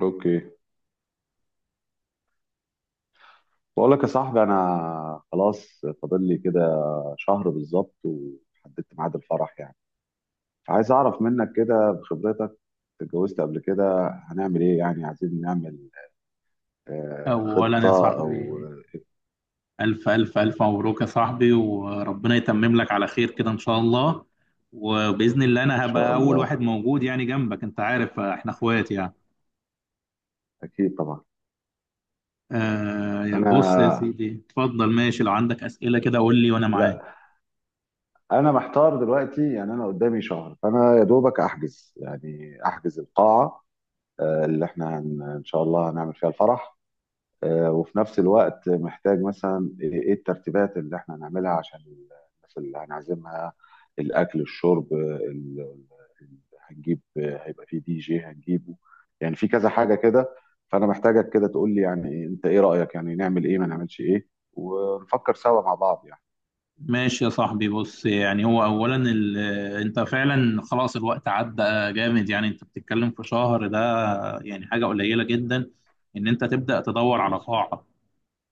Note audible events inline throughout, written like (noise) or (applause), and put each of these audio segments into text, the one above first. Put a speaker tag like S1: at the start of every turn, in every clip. S1: اوكي. بقول لك يا صاحبي، انا خلاص فاضل لي كده شهر بالظبط وحددت ميعاد الفرح يعني. عايز اعرف منك كده بخبرتك، اتجوزت قبل كده، هنعمل ايه؟ يعني عايزين نعمل
S2: أولا يا
S1: خطة او
S2: صاحبي، ألف ألف ألف مبروك يا صاحبي، وربنا يتمم لك على خير كده إن شاء الله. وبإذن الله أنا
S1: ان شاء
S2: هبقى أول واحد
S1: الله.
S2: موجود يعني جنبك، أنت عارف إحنا إخوات يعني.
S1: اكيد طبعا.
S2: آه بص يا
S1: انا
S2: سيدي، اتفضل ماشي، لو عندك أسئلة كده قول لي وأنا معاك.
S1: لا، انا محتار دلوقتي يعني، انا قدامي شهر، فانا يا دوبك احجز، يعني احجز القاعة اللي احنا ان شاء الله هنعمل فيها الفرح. وفي نفس الوقت محتاج مثلا إيه الترتيبات اللي احنا هنعملها عشان الناس اللي هنعزمها، الاكل، الشرب، ال- ال- هنجيب، هيبقى فيه دي جي هنجيبه. يعني في كذا حاجه كده، فانا محتاجك كده تقول لي يعني انت ايه رايك؟ يعني نعمل ايه ما نعملش ايه، ونفكر سوا مع بعض يعني.
S2: ماشي يا صاحبي، بص يعني هو أولا أنت فعلا خلاص الوقت عدى جامد، يعني أنت بتتكلم في شهر ده يعني حاجة قليلة جدا، إن أنت تبدأ تدور على
S1: مظبوط.
S2: قاعة.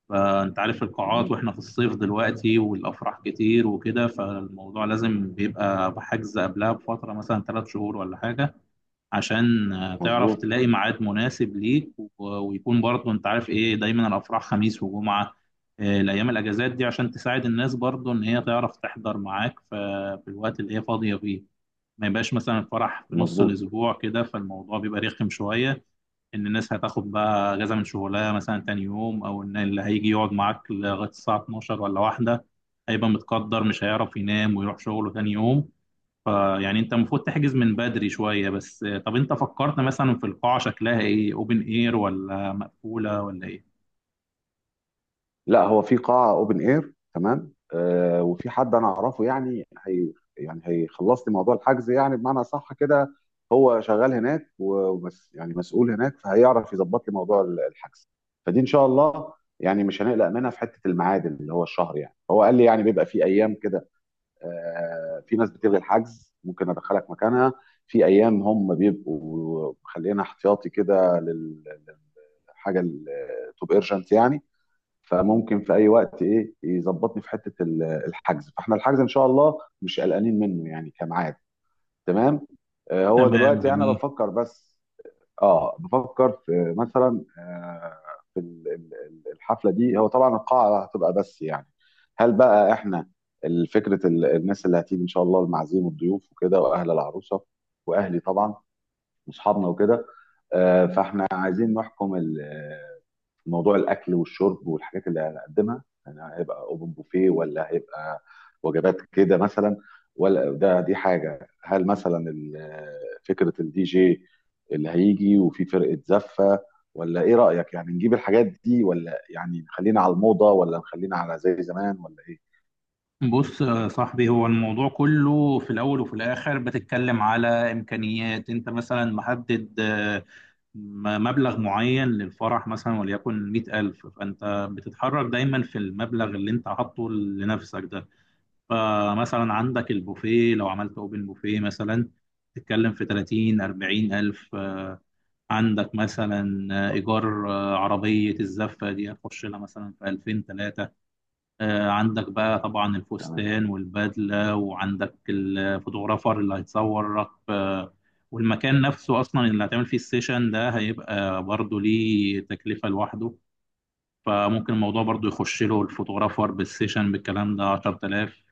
S2: فانت عارف القاعات، واحنا
S1: مهم.
S2: في الصيف دلوقتي والافراح كتير وكده، فالموضوع لازم بيبقى بحجز قبلها بفتره مثلا 3 شهور ولا حاجه، عشان تعرف
S1: مظبوط.
S2: تلاقي ميعاد مناسب ليك، ويكون برضه انت عارف ايه دايما الافراح خميس وجمعه. الايام الاجازات دي عشان تساعد الناس برضه ان هي تعرف تحضر معاك في الوقت اللي هي فاضيه فيه. ما يبقاش مثلا الفرح في نص
S1: مظبوط.
S2: الاسبوع كده، فالموضوع بيبقى رخم شويه، ان الناس هتاخد بقى اجازه من شغلها مثلا تاني يوم، او ان اللي هيجي يقعد معاك لغايه الساعه 12 ولا واحده هيبقى متقدر، مش هيعرف ينام ويروح شغله تاني يوم. فيعني انت المفروض تحجز من بدري شويه. بس طب انت فكرت مثلا في القاعه شكلها ايه، اوبن اير ولا مقفوله ولا ايه؟
S1: لا، هو في قاعة اوبن اير، تمام، وفي حد انا اعرفه يعني، هي يعني هيخلص لي موضوع الحجز يعني، بمعنى صح كده. هو شغال هناك وبس يعني، مسؤول هناك، فهيعرف يظبط لي موضوع الحجز. فدي ان شاء الله يعني مش هنقلق منها في حتة الميعاد اللي هو الشهر. يعني هو قال لي يعني بيبقى في ايام كده، في ناس بتلغي الحجز ممكن ادخلك مكانها. في ايام هم بيبقوا مخلينا احتياطي كده للحاجة التوب ايرجنت يعني. فممكن في اي وقت يظبطني في حته الحجز. فاحنا الحجز ان شاء الله مش قلقانين منه يعني كميعاد. تمام. هو
S2: تمام
S1: دلوقتي انا
S2: جميل.
S1: بفكر بس. اه، بفكر في مثلا في الحفله دي. هو طبعا القاعه هتبقى بس يعني، هل بقى احنا فكره الناس اللي هتيجي ان شاء الله، المعازيم والضيوف وكده، واهل العروسه، واهلي طبعا، واصحابنا وكده، فاحنا عايزين نحكم موضوع الاكل والشرب والحاجات اللي هنقدمها. يعني هيبقى اوبن بوفيه ولا هيبقى وجبات كده مثلا؟ ولا دي حاجه؟ هل مثلا فكره الدي جي اللي هيجي، وفي فرقه زفه، ولا ايه رايك؟ يعني نجيب الحاجات دي، ولا يعني نخلينا على الموضه، ولا نخلينا على زي زمان، ولا ايه؟
S2: بص يا صاحبي، هو الموضوع كله في الأول وفي الآخر بتتكلم على إمكانيات. أنت مثلا محدد مبلغ معين للفرح، مثلا وليكن 100000، فأنت بتتحرك دايما في المبلغ اللي أنت حاطه لنفسك ده. فمثلا عندك البوفيه، لو عملت أوبن بوفيه مثلا تتكلم في 30 40000. عندك مثلا إيجار، عربية الزفة دي هتخش لها مثلا في 2000 3. عندك بقى طبعا
S1: تمام.
S2: الفستان والبدلة، وعندك الفوتوغرافر اللي هيتصورك. والمكان نفسه أصلا اللي هتعمل فيه السيشن ده هيبقى برضه ليه تكلفة لوحده، فممكن الموضوع برضه يخش له الفوتوغرافر بالسيشن بالكلام ده 10000.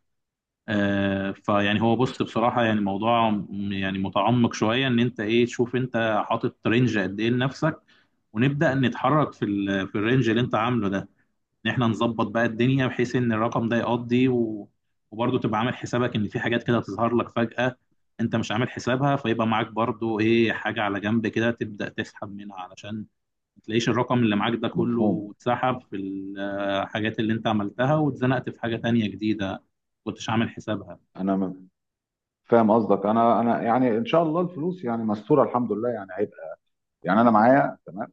S2: فيعني هو بص بصراحة، يعني الموضوع يعني متعمق شوية، إن أنت إيه تشوف أنت حاطط رينج قد إيه لنفسك، ونبدأ نتحرك في في الرينج اللي أنت عامله ده، ان احنا نظبط بقى الدنيا بحيث ان الرقم ده يقضي، وبرضه تبقى عامل حسابك ان في حاجات كده تظهر لك فجأة انت مش عامل حسابها، فيبقى معاك برضه ايه حاجة على جنب كده تبدأ تسحب منها، علشان ما تلاقيش الرقم اللي معاك ده كله
S1: مفهوم.
S2: اتسحب في الحاجات اللي انت عملتها واتزنقت في حاجة تانية جديدة ما كنتش عامل حسابها.
S1: انا م- فاهم قصدك. انا يعني ان شاء الله الفلوس يعني مستوره الحمد لله، يعني هيبقى يعني انا معايا تمام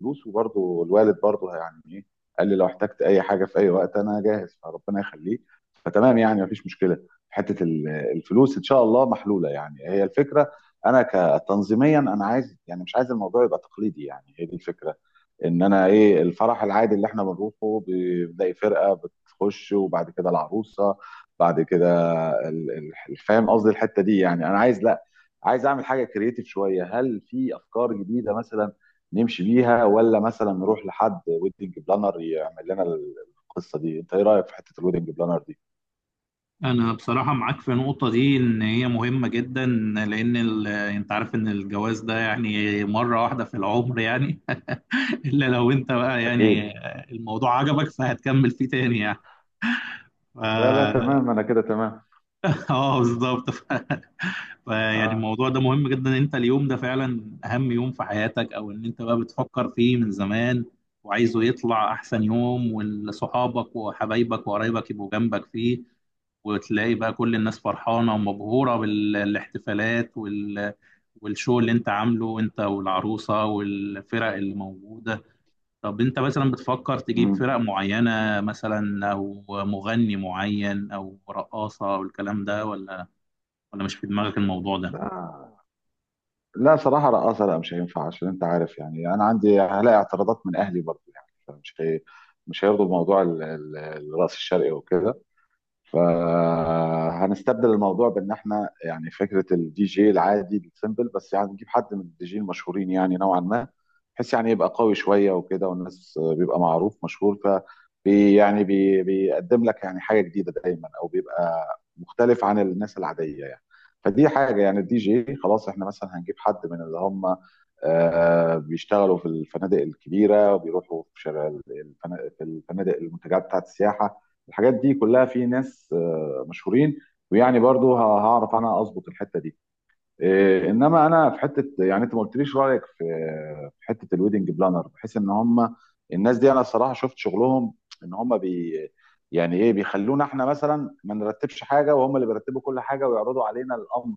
S1: فلوس. وبرضه الوالد برضه يعني ايه، قال لي لو احتجت اي حاجه في اي وقت انا جاهز، فربنا يخليه. فتمام، يعني مفيش مشكله في حته الفلوس، ان شاء الله محلوله. يعني هي الفكره، انا كتنظيميا، انا عايز، يعني مش عايز الموضوع يبقى تقليدي. يعني هي دي الفكره، ان انا ايه الفرح العادي اللي احنا بنروحه بنلاقي فرقه بتخش وبعد كده العروسه، بعد كده فاهم قصدي الحته دي؟ يعني انا عايز، لا، عايز اعمل حاجه كرييتيف شويه. هل في افكار جديده مثلا نمشي بيها، ولا مثلا نروح لحد ويدنج بلانر يعمل لنا القصه دي؟ انت ايه رايك في حته الويدنج بلانر دي؟
S2: انا بصراحة معاك في النقطة دي ان هي مهمة جدا، لان انت عارف ان الجواز ده يعني مرة واحدة في العمر يعني، إلا لو أنت بقى
S1: اكيد.
S2: يعني الموضوع عجبك فهتكمل فيه تاني يعني. ف-
S1: لا، لا،
S2: (laughs)
S1: تمام، انا كده تمام.
S2: اه بالظبط. (laughs) فيعني
S1: اه.
S2: الموضوع ده مهم جدا، إن انت اليوم ده فعلا اهم يوم في حياتك، او ان انت بقى بتفكر فيه من زمان وعايزه يطلع احسن يوم، وصحابك وحبايبك وقرايبك يبقوا جنبك فيه، وتلاقي بقى كل الناس فرحانة ومبهورة بالاحتفالات والشو اللي انت عامله انت والعروسة والفرق اللي موجودة. طب انت مثلا بتفكر تجيب فرق
S1: مم.
S2: معينة مثلا، او مغني معين، او رقاصة، او الكلام ده، ولا مش في دماغك الموضوع ده؟
S1: لا. لا، صراحه رقاصه لا مش هينفع، عشان انت عارف يعني انا عندي هلاقي اعتراضات من اهلي برضه يعني، فمش هي مش هيرضوا بموضوع الرقص الشرقي وكده. فهنستبدل الموضوع بان احنا يعني فكره الدي جي العادي السيمبل، بس يعني نجيب حد من الدي جي المشهورين يعني، نوعا ما، بحيث يعني يبقى قوي شويه وكده، والناس بيبقى معروف مشهور، بي بيقدم لك يعني حاجه جديده دايما، او بيبقى مختلف عن الناس العاديه يعني. فدي حاجه. يعني الدي جي خلاص، احنا مثلا هنجيب حد من اللي هم بيشتغلوا في الفنادق الكبيره، وبيروحوا في في الفنادق، المنتجعات بتاعت السياحه، الحاجات دي كلها في ناس مشهورين. ويعني برضو هعرف انا اظبط الحته دي. انما انا في حته يعني، انت ما قلتليش رايك في، في حته الويدنج بلانر، بحيث ان هم الناس دي انا الصراحه شفت شغلهم. ان هم يعني ايه، بيخلونا احنا مثلا ما نرتبش حاجه، وهم اللي بيرتبوا كل حاجه ويعرضوا علينا الامر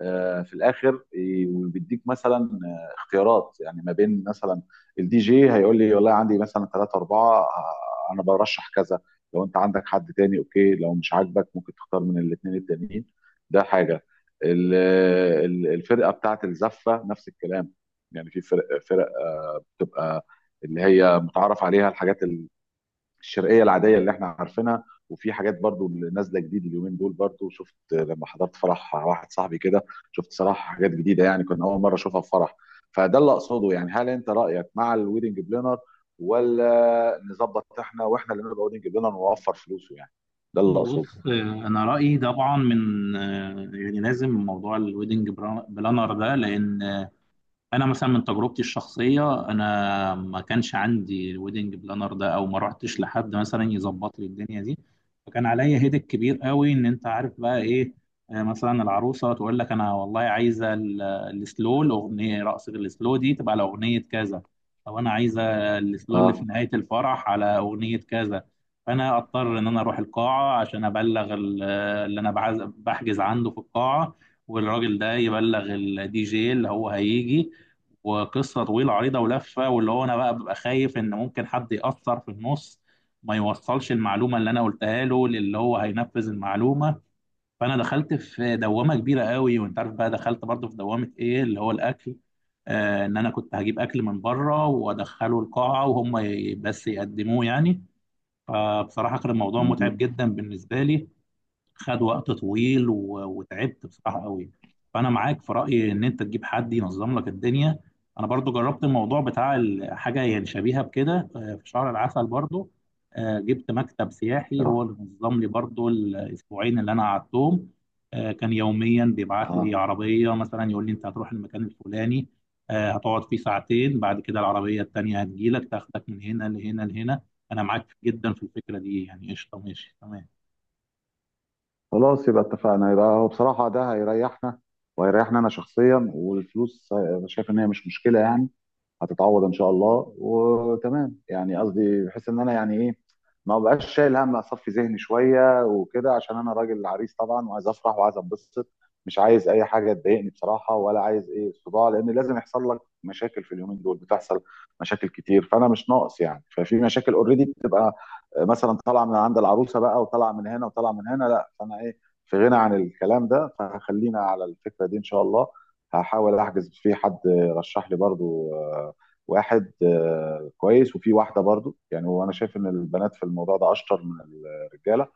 S1: في الاخر. وبيديك مثلا اختيارات يعني ما بين مثلا، الدي جي هيقول لي والله عندي مثلا ثلاثة أربعة، أنا برشح كذا، لو أنت عندك حد تاني أوكي، لو مش عاجبك ممكن تختار من الاثنين التانيين. ده حاجة. ال- الفرقة بتاعت الزفة نفس الكلام، يعني في فرق، فرق تبقى اللي هي متعارف عليها، الحاجات اللي الشرقيه العاديه اللي احنا عارفينها، وفي حاجات برضو اللي نازله جديد اليومين دول. برضو شفت لما حضرت فرح واحد صاحبي كده، شفت صراحه حاجات جديده يعني، كنا اول مره اشوفها في فرح. فده اللي اقصده، يعني هل انت رايك مع الويدنج بلانر، ولا نظبط احنا واحنا اللي نبقى ويدنج بلانر ونوفر فلوسه يعني؟ ده اللي اقصده.
S2: بص، انا رأيي طبعا من يعني لازم موضوع الويدنج بلانر ده، لان انا مثلا من تجربتي الشخصيه انا ما كانش عندي الويدنج بلانر ده، او ما رحتش لحد مثلا يظبط لي الدنيا دي، فكان عليا هيدك كبير قوي ان انت عارف بقى ايه. مثلا العروسه تقول لك انا والله عايزه السلو، الاغنيه رقص السلو دي تبقى على اغنيه كذا، او انا عايزه السلو اللي في
S1: اه.
S2: نهايه الفرح على اغنيه كذا. فانا اضطر ان انا اروح القاعه عشان ابلغ اللي انا بحجز عنده في القاعه، والراجل ده يبلغ الدي جي اللي هو هيجي. وقصه طويله عريضه ولفه، واللي هو انا بقى ببقى خايف ان ممكن حد ياثر في النص، ما يوصلش المعلومه اللي انا قلتها له للي هو هينفذ المعلومه. فانا دخلت في دوامه كبيره قوي، وانت عارف بقى دخلت برضو في دوامه ايه اللي هو الاكل، آه ان انا كنت هجيب اكل من بره وادخله القاعه وهم بس يقدموه يعني. فبصراحه كان الموضوع متعب
S1: مهم.
S2: جدا بالنسبه لي. خد وقت طويل وتعبت بصراحة قوي. فأنا معاك في رأيي إن أنت تجيب حد ينظم لك الدنيا. أنا برضو جربت الموضوع بتاع حاجة يعني شبيهة بكده في شهر العسل برضو. جبت مكتب سياحي هو
S1: اه.
S2: اللي نظم لي برضو الأسبوعين اللي أنا قعدتهم. كان يوميا بيبعت لي
S1: اه.
S2: عربية مثلا يقول لي أنت هتروح المكان الفلاني، هتقعد فيه ساعتين، بعد كده العربية التانية هتجيلك تاخدك من هنا لهنا لهنا. أنا معاك جدا في الفكرة دي يعني، قشطة ماشي تمام.
S1: خلاص، يبقى اتفقنا، يبقى هو بصراحه ده هيريحنا. وهيريحنا انا شخصيا، والفلوس شايف ان هي مش مشكله يعني، هتتعوض ان شاء الله، وتمام يعني. قصدي بحيث ان انا يعني ايه ما بقاش شايل هم، اصفي ذهني شويه وكده، عشان انا راجل عريس طبعا وعايز افرح وعايز انبسط، مش عايز اي حاجه تضايقني بصراحه، ولا عايز ايه صداع، لان لازم يحصل لك مشاكل في اليومين دول، بتحصل مشاكل كتير، فانا مش ناقص يعني. ففي مشاكل اوريدي بتبقى مثلا طالعه من عند العروسه بقى، وطالعه من هنا، وطالعه من هنا، لا، فانا ايه في غنى عن الكلام ده. فخلينا على الفكره دي ان شاء الله. هحاول احجز في حد رشح لي برضو واحد كويس، وفي واحده برضو يعني. وانا شايف ان البنات في الموضوع ده اشطر من الرجاله،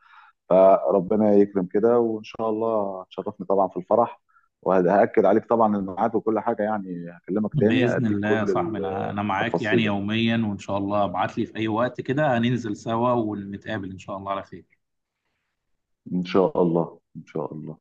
S1: فربنا يكرم كده وان شاء الله تشرفني طبعا في الفرح، وهاكد عليك طبعا الميعاد وكل حاجه يعني. هكلمك تاني
S2: بإذن
S1: اديك
S2: الله يا
S1: كل
S2: صاحبي، أنا معاك يعني
S1: التفاصيل يعني،
S2: يوميا، وإن شاء الله ابعت لي في أي وقت كده هننزل سوا ونتقابل إن شاء الله على خير.
S1: ان شاء الله ان شاء الله.